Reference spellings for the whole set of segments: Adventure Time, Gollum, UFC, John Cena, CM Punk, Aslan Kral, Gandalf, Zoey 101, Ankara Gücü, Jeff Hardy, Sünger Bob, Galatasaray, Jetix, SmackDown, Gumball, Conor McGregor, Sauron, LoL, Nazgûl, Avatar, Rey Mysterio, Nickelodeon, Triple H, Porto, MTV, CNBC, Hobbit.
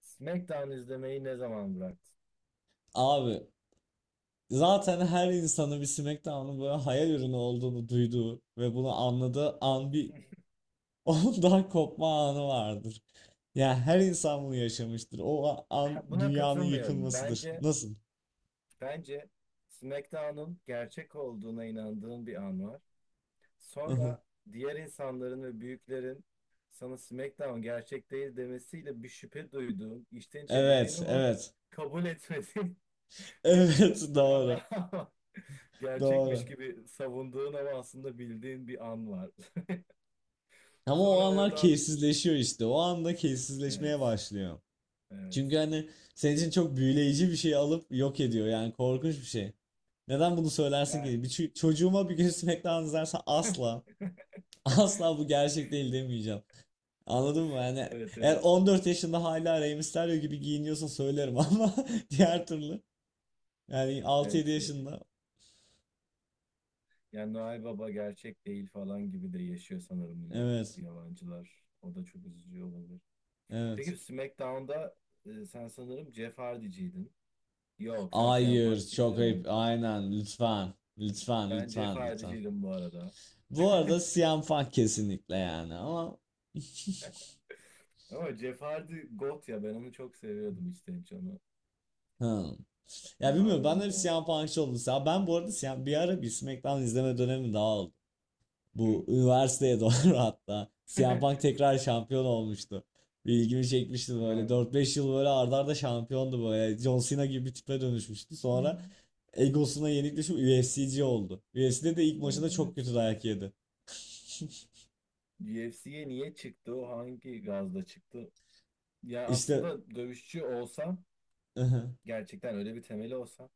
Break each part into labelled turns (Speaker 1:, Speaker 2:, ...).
Speaker 1: SmackDown izlemeyi ne zaman bıraktın?
Speaker 2: Abi zaten her insanın bir SmackDown'un böyle hayal ürünü olduğunu duyduğu ve bunu anladığı an bir ondan kopma anı vardır. Yani her insan bunu yaşamıştır. O an
Speaker 1: Ben buna
Speaker 2: dünyanın
Speaker 1: katılmıyorum.
Speaker 2: yıkılmasıdır.
Speaker 1: Bence
Speaker 2: Nasıl?
Speaker 1: bence SmackDown'un gerçek olduğuna inandığın bir an var. Sonra diğer insanların ve büyüklerin sana SmackDown gerçek değil demesiyle bir şüphe duyduğun, içten içe bildiğin
Speaker 2: Evet,
Speaker 1: ama
Speaker 2: evet.
Speaker 1: kabul etmediğin bir
Speaker 2: Evet,
Speaker 1: dönem
Speaker 2: doğru.
Speaker 1: daha var. Gerçekmiş
Speaker 2: Doğru.
Speaker 1: gibi savunduğun ama aslında bildiğin bir an var.
Speaker 2: Ama o
Speaker 1: Sonra
Speaker 2: anlar
Speaker 1: oradan
Speaker 2: keyifsizleşiyor işte. O anda
Speaker 1: evet,
Speaker 2: keyifsizleşmeye başlıyor.
Speaker 1: evet.
Speaker 2: Çünkü hani senin için çok büyüleyici bir şey alıp yok ediyor. Yani korkunç bir şey. Neden bunu söylersin
Speaker 1: Yani
Speaker 2: ki? Çocuğuma bir gün SmackDown izlersen asla asla bu gerçek değil demeyeceğim. Anladın mı? Yani
Speaker 1: evet,
Speaker 2: eğer
Speaker 1: evet.
Speaker 2: 14 yaşında hala Rey Mysterio gibi giyiniyorsa söylerim ama diğer türlü, yani altı
Speaker 1: Evet,
Speaker 2: yedi yaşında,
Speaker 1: yani Noel Baba gerçek değil falan gibi de yaşıyor sanırım bunu
Speaker 2: evet
Speaker 1: yabancılar. O da çok üzücü olabilir.
Speaker 2: evet.
Speaker 1: Peki SmackDown'da sen sanırım Jeff Hardy'ciydin. Yok sen CM
Speaker 2: Hayır çok ayıp
Speaker 1: Punk'ciydin.
Speaker 2: aynen, lütfen lütfen
Speaker 1: Ben Jeff
Speaker 2: lütfen lütfen.
Speaker 1: Hardy'ciydim bu arada.
Speaker 2: Bu arada CM Punk kesinlikle, yani ama
Speaker 1: Ama Jeff Hardy GOAT ya ben onu çok seviyordum işte canı.
Speaker 2: Hmm. Ya
Speaker 1: Daha
Speaker 2: bilmiyorum,
Speaker 1: öyle
Speaker 2: ben de bir
Speaker 1: mor.
Speaker 2: CM Punk'çı oldum. Ya ben bu arada bir ara bir SmackDown izleme dönemi daha oldu.
Speaker 1: Hı.
Speaker 2: Bu üniversiteye doğru hatta. CM Punk tekrar şampiyon olmuştu. Bir ilgimi çekmişti
Speaker 1: Ha.
Speaker 2: böyle. 4 5 yıl böyle arda arda şampiyondu böyle. John Cena gibi bir tipe dönüşmüştü.
Speaker 1: Hı.
Speaker 2: Sonra egosuna yenik düşüp UFC'ci oldu. UFC'de de ilk
Speaker 1: O
Speaker 2: maçında çok
Speaker 1: evet.
Speaker 2: kötü dayak yedi.
Speaker 1: UFC'ye niye çıktı? O hangi gazla çıktı? Yani
Speaker 2: İşte
Speaker 1: aslında dövüşçü olsam gerçekten öyle bir temeli olsa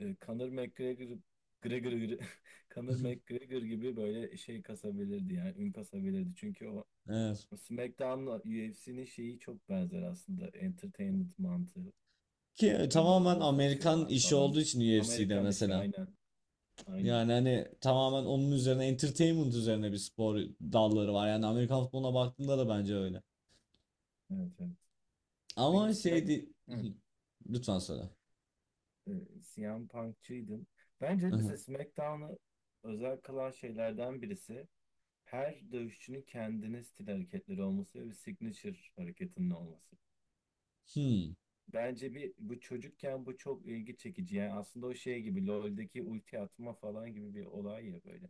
Speaker 1: Conor McGregor Gregor, Gre- Conor McGregor gibi böyle şey kasabilirdi yani ün kasabilirdi. Çünkü o
Speaker 2: evet.
Speaker 1: o SmackDown'la UFC'nin şeyi çok benzer aslında. Entertainment mantığı.
Speaker 2: Ki
Speaker 1: Hep birbirlerine
Speaker 2: tamamen
Speaker 1: laf
Speaker 2: Amerikan
Speaker 1: atıyorlar
Speaker 2: işi
Speaker 1: falan.
Speaker 2: olduğu için UFC'de
Speaker 1: Amerikan işi
Speaker 2: mesela.
Speaker 1: aynen. Aynen.
Speaker 2: Yani hani tamamen onun üzerine, entertainment üzerine bir spor dalları var. Yani Amerikan futboluna baktığında da bence öyle.
Speaker 1: Evet evet. Peki bu
Speaker 2: Ama
Speaker 1: Smack...
Speaker 2: şey değil.
Speaker 1: Hı.
Speaker 2: Lütfen söyle.
Speaker 1: e, CM Punk'çıydın. Bence
Speaker 2: Aha.
Speaker 1: mesela SmackDown'ı özel kılan şeylerden birisi her dövüşçünün kendine stil hareketleri olması ve bir signature hareketinin olması.
Speaker 2: Hmm.
Speaker 1: Bence bir bu çocukken bu çok ilgi çekici. Yani aslında o şey gibi LoL'deki ulti atma falan gibi bir olay ya böyle.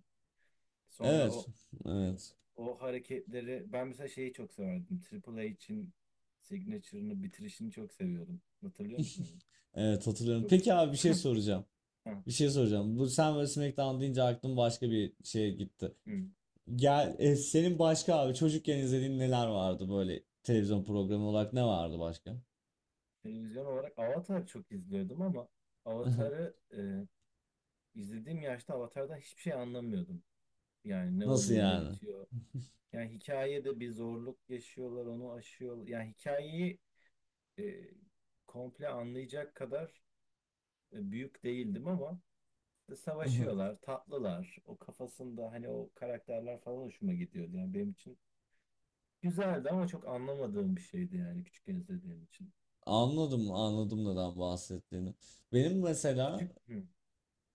Speaker 1: Sonra
Speaker 2: Evet.
Speaker 1: o
Speaker 2: Evet.
Speaker 1: o hareketleri ben mesela şeyi çok severdim. Triple H'in signature'ını bitirişini çok seviyordum. Hatırlıyor musun onu?
Speaker 2: Evet hatırlıyorum.
Speaker 1: Çok
Speaker 2: Peki abi bir şey soracağım.
Speaker 1: Ha,
Speaker 2: Bir şey soracağım. Bu sen böyle SmackDown deyince aklım başka bir şeye gitti.
Speaker 1: hı.
Speaker 2: Senin başka abi çocukken izlediğin neler vardı, böyle televizyon programı olarak ne vardı başka?
Speaker 1: Televizyon olarak Avatar çok izliyordum ama
Speaker 2: Aha.
Speaker 1: Avatar'ı izlediğim yaşta Avatar'dan hiçbir şey anlamıyordum. Yani ne
Speaker 2: Nasıl
Speaker 1: oluyor, ne
Speaker 2: yani?
Speaker 1: bitiyor. Yani hikayede bir zorluk yaşıyorlar, onu aşıyor. Yani hikayeyi e, komple anlayacak kadar büyük değildim ama
Speaker 2: Aha.
Speaker 1: savaşıyorlar, tatlılar. O kafasında hani o karakterler falan hoşuma gidiyordu. Yani benim için güzeldi ama çok anlamadığım bir şeydi yani küçükken izlediğim için.
Speaker 2: Anladım, anladım neden bahsettiğini. Benim mesela
Speaker 1: Küçük mü?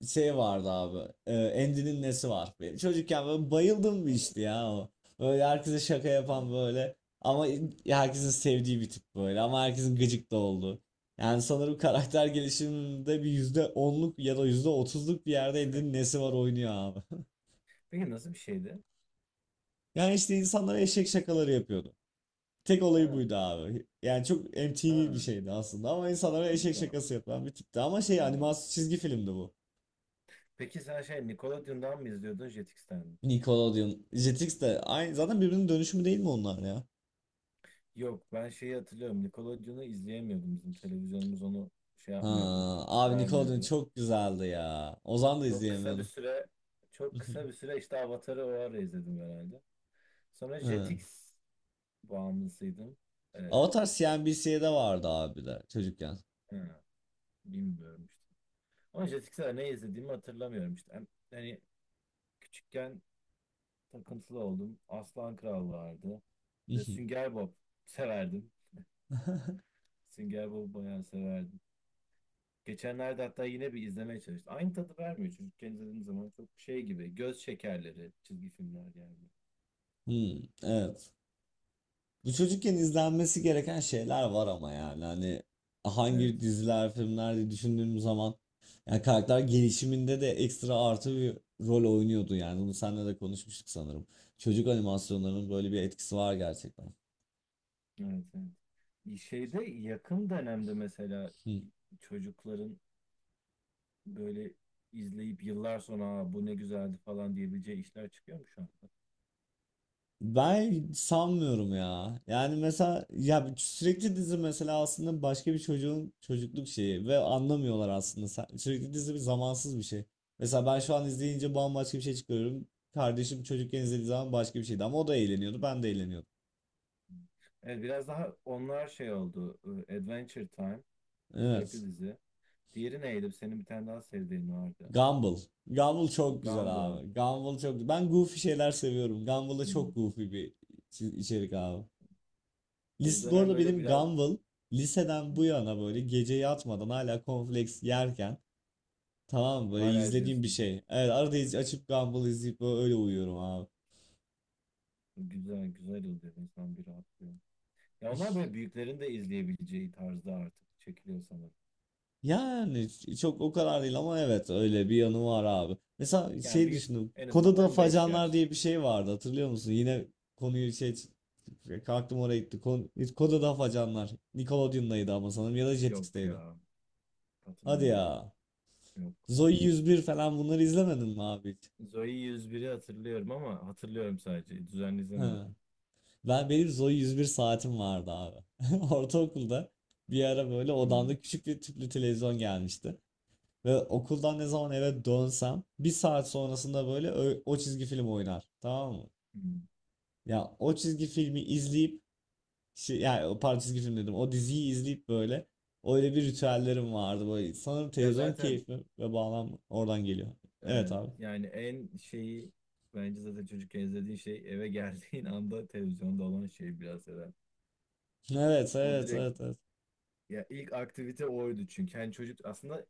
Speaker 2: şey vardı abi. E, Andy'nin nesi var? Benim çocukken böyle bayıldım bir
Speaker 1: Ha,
Speaker 2: işte ya o. Böyle herkese şaka yapan
Speaker 1: evet.
Speaker 2: böyle. Ama herkesin sevdiği bir tip böyle. Ama herkesin gıcık da olduğu. Yani sanırım karakter gelişiminde bir %10'luk ya da %30'luk bir yerde Andy'nin nesi var oynuyor abi.
Speaker 1: Peki nasıl bir şeydi?
Speaker 2: Yani işte insanlara eşek şakaları yapıyordu. Tek olayı
Speaker 1: Ha,
Speaker 2: buydu abi. Yani çok MTV bir
Speaker 1: ha,
Speaker 2: şeydi aslında, ama insanlara eşek
Speaker 1: güzel,
Speaker 2: şakası yapan bir tipti. Ama şey,
Speaker 1: güzel.
Speaker 2: animasyon çizgi filmdi bu.
Speaker 1: Peki sen şey Nickelodeon'dan mı izliyordun Jetix'ten mi?
Speaker 2: Nickelodeon. Jetix de aynı zaten, birbirinin dönüşümü değil mi onlar ya?
Speaker 1: Yok ben şeyi hatırlıyorum. Nickelodeon'u izleyemiyordum. Bizim televizyonumuz onu şey
Speaker 2: Ha,
Speaker 1: yapmıyordu.
Speaker 2: abi Nickelodeon
Speaker 1: Vermiyordu.
Speaker 2: çok güzeldi ya. Ozan da
Speaker 1: Çok kısa bir
Speaker 2: izleyemiyorum.
Speaker 1: süre Çok kısa bir süre işte Avatar'ı o ara izledim herhalde. Sonra
Speaker 2: Hı.
Speaker 1: Jetix bağımlısıydım. Ee,
Speaker 2: Avatar CNBC'de vardı abi de, çocukken.
Speaker 1: ha, bilmiyorum işte. Ama Jetix'e ne izlediğimi hatırlamıyorum işte. Hani küçükken takıntılı oldum. Aslan Kral vardı. Ve Sünger Bob severdim. Sünger Bob'u bayağı severdim. Geçenlerde hatta yine bir izlemeye çalıştım. Aynı tadı vermiyor çocukken izlediğim zaman çok şey gibi. Göz şekerleri çizgi filmler geldi.
Speaker 2: Hı, evet. Bu çocukken izlenmesi gereken şeyler var ama yani hani
Speaker 1: Evet.
Speaker 2: hangi diziler, filmler diye düşündüğüm zaman, yani karakter gelişiminde de ekstra artı bir rol oynuyordu yani. Bunu seninle de konuşmuştuk sanırım. Çocuk animasyonlarının böyle bir etkisi var gerçekten.
Speaker 1: Evet, evet. Şeyde yakın dönemde mesela
Speaker 2: Hı.
Speaker 1: çocukların böyle izleyip yıllar sonra "Aa, bu ne güzeldi" falan diyebileceği işler çıkıyor mu şu an?
Speaker 2: Ben sanmıyorum ya. Yani mesela ya, sürekli dizi mesela aslında başka bir çocuğun çocukluk şeyi ve anlamıyorlar aslında. Sürekli dizi bir zamansız bir şey. Mesela ben şu an izleyince bambaşka bir şey çıkıyorum. Kardeşim çocukken izlediği zaman başka bir şeydi, ama o da eğleniyordu, ben de eğleniyordum.
Speaker 1: Evet biraz daha onlar şey oldu. Adventure Time sürekli
Speaker 2: Evet.
Speaker 1: dizi. Diğeri neydi? Senin bir tane daha sevdiğin vardı.
Speaker 2: Gumball. Gumball çok güzel
Speaker 1: Gumball.
Speaker 2: abi. Gumball çok, ben goofy şeyler seviyorum. Gumball da çok
Speaker 1: Hmm.
Speaker 2: goofy bir içerik abi.
Speaker 1: Ya bu
Speaker 2: List bu
Speaker 1: dönem
Speaker 2: arada
Speaker 1: böyle
Speaker 2: benim
Speaker 1: biraz.
Speaker 2: Gumball liseden
Speaker 1: Hmm,
Speaker 2: bu yana böyle gece yatmadan hala cornflakes yerken, tamam böyle
Speaker 1: hala
Speaker 2: izlediğim bir
Speaker 1: izliyorsun.
Speaker 2: şey. Evet arada açıp Gumball izleyip böyle, öyle uyuyorum abi.
Speaker 1: Güzel güzel oluyor, insan bir rahatlıyor. Ya onlar böyle büyüklerin de izleyebileceği tarzda artık çekiliyor sanırım.
Speaker 2: Yani çok o kadar değil ama evet öyle bir yanı var abi. Mesela
Speaker 1: Yani
Speaker 2: şey
Speaker 1: büyük,
Speaker 2: düşündüm.
Speaker 1: en azından
Speaker 2: Koda'da
Speaker 1: 15
Speaker 2: Facanlar
Speaker 1: yaş.
Speaker 2: diye bir şey vardı, hatırlıyor musun? Yine konuyu şey, kalktım oraya gitti. Koda'da Facanlar. Nickelodeon'daydı ama, sanırım, ya da
Speaker 1: Yok
Speaker 2: Jetix'teydi.
Speaker 1: ya,
Speaker 2: Hadi
Speaker 1: hatırlamıyorum.
Speaker 2: ya.
Speaker 1: Yok.
Speaker 2: Zoey 101 falan, bunları izlemedin mi abi hiç?
Speaker 1: Zoe yüz biri hatırlıyorum ama hatırlıyorum sadece. Düzenli izlemiyordum.
Speaker 2: Ben, benim Zoe 101 saatim vardı abi. Ortaokulda bir ara böyle
Speaker 1: Hı,
Speaker 2: odamda küçük bir tüplü televizyon gelmişti. Ve okuldan ne zaman eve dönsem bir saat sonrasında böyle çizgi film oynar. Tamam mı?
Speaker 1: hı.
Speaker 2: Ya o çizgi filmi izleyip şey, yani o pardon çizgi film dedim, o diziyi izleyip böyle, öyle bir ritüellerim vardı böyle. Sanırım
Speaker 1: Ya
Speaker 2: televizyon
Speaker 1: zaten
Speaker 2: keyfi ve bağlam oradan geliyor. Evet
Speaker 1: e,
Speaker 2: abi.
Speaker 1: yani en şeyi, bence zaten çocukken izlediğin şey, eve geldiğin anda televizyonda olan şey biraz herhalde.
Speaker 2: Evet,
Speaker 1: O
Speaker 2: evet,
Speaker 1: direkt,
Speaker 2: evet, evet.
Speaker 1: ya ilk aktivite oydu çünkü. Yani çocuk aslında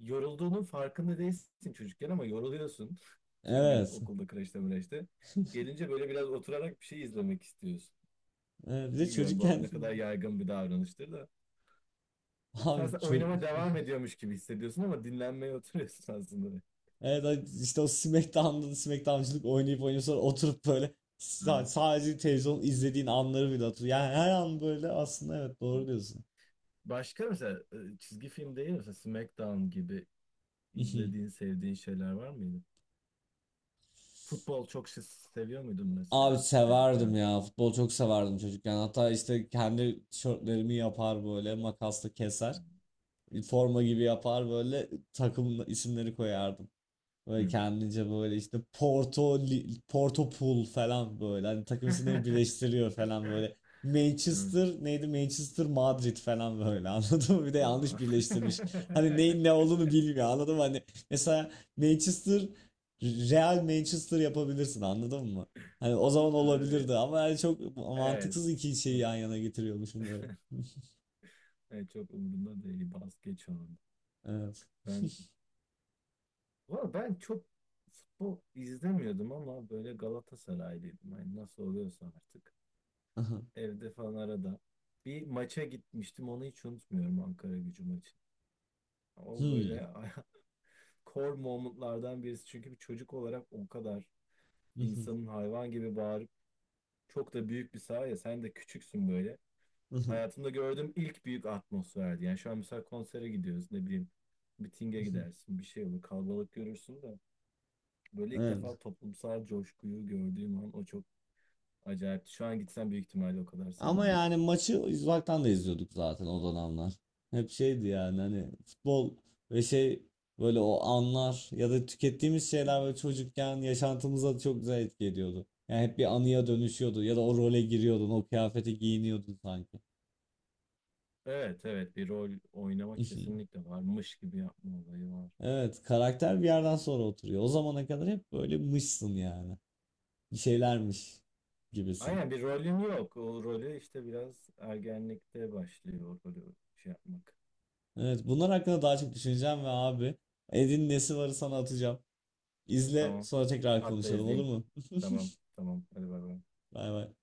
Speaker 1: yorulduğunun farkında değilsin çocukken ama yoruluyorsun. Tüm gün
Speaker 2: Evet.
Speaker 1: okulda, kreşte, mreşte. Gelince böyle biraz oturarak bir şey izlemek istiyorsun.
Speaker 2: Evet. Bir de
Speaker 1: Bilmiyorum bu
Speaker 2: çocukken
Speaker 1: ne kadar yaygın bir davranıştır da. Sen,
Speaker 2: abi
Speaker 1: sen
Speaker 2: çocuk,
Speaker 1: oynama devam ediyormuş gibi hissediyorsun ama dinlenmeye oturuyorsun aslında.
Speaker 2: evet işte o SmackDown'da da SmackDown'cılık oynayıp oynayıp sonra oturup böyle sa-
Speaker 1: Aynen.
Speaker 2: sadece televizyon izlediğin anları bile hatırlıyor. Yani her an böyle aslında, evet doğru diyorsun.
Speaker 1: Başka mesela çizgi film değil mi, mesela SmackDown gibi izlediğin, sevdiğin şeyler var mıydı? Futbol çok şey seviyor muydun
Speaker 2: Abi
Speaker 1: mesela
Speaker 2: severdim
Speaker 1: çocukken?
Speaker 2: ya. Futbol çok severdim çocukken. Hatta işte kendi tişörtlerimi yapar böyle, makasla keser. Forma gibi yapar böyle, takım isimleri koyardım. Böyle
Speaker 1: Hmm.
Speaker 2: kendince, böyle işte Porto, Porto Pool falan böyle. Hani takım isimleri birleştiriyor falan böyle.
Speaker 1: Hmm.
Speaker 2: Manchester neydi? Manchester Madrid falan böyle anladın mı? Bir de
Speaker 1: Aa.
Speaker 2: yanlış birleştirmiş. Hani neyin ne olduğunu bilmiyor, anladın mı? Hani mesela Manchester, Real Manchester yapabilirsin anladın mı? Hani o zaman olabilirdi ama, yani çok
Speaker 1: Evet.
Speaker 2: mantıksız iki şeyi yan yana getiriyormuşum böyle.
Speaker 1: Evet, çok umurumda değil. Bas geç onu.
Speaker 2: Evet.
Speaker 1: Ben Valla ben çok futbol izlemiyordum ama böyle Galatasaraylıydım. Hani nasıl oluyorsa artık. Evde falan arada. Bir maça gitmiştim, onu hiç unutmuyorum, Ankara Gücü maçı. O
Speaker 2: Hmm.
Speaker 1: böyle core momentlardan birisi. Çünkü bir çocuk olarak o kadar insanın hayvan gibi bağırıp, çok da büyük bir saha ya, sen de küçüksün böyle. Hayatımda gördüğüm ilk büyük atmosferdi. Yani şu an mesela konsere gidiyoruz, ne bileyim mitinge gidersin, bir şey olur, kalabalık görürsün de. Böyle ilk defa
Speaker 2: Evet.
Speaker 1: toplumsal coşkuyu gördüğüm an o çok acayipti. Şu an gitsem büyük ihtimalle o kadar
Speaker 2: Ama
Speaker 1: sevmem.
Speaker 2: yani maçı uzaktan da izliyorduk zaten o dönemler. Hep şeydi yani, hani futbol ve şey, böyle o anlar ya da tükettiğimiz
Speaker 1: Hı.
Speaker 2: şeyler böyle çocukken yaşantımıza çok güzel etki ediyordu. Yani hep bir anıya dönüşüyordu ya da o role giriyordun, o kıyafete giyiniyordun sanki.
Speaker 1: Evet evet, bir rol oynama kesinlikle, varmış gibi yapma olayı var.
Speaker 2: Evet, karakter bir yerden sonra oturuyor. O zamana kadar hep böyle mışsın yani. Bir şeylermiş gibisin.
Speaker 1: Aynen, bir rolün yok. O rolü işte biraz ergenlikte başlıyor o rolü şey yapmak.
Speaker 2: Evet, bunlar hakkında daha çok düşüneceğim ve abi Edin nesi varı sana atacağım. İzle
Speaker 1: Tamam.
Speaker 2: sonra tekrar
Speaker 1: Hatta
Speaker 2: konuşalım, olur
Speaker 1: izleyeyim.
Speaker 2: mu?
Speaker 1: Tamam tamam. Hadi bay bay.
Speaker 2: Bay bay.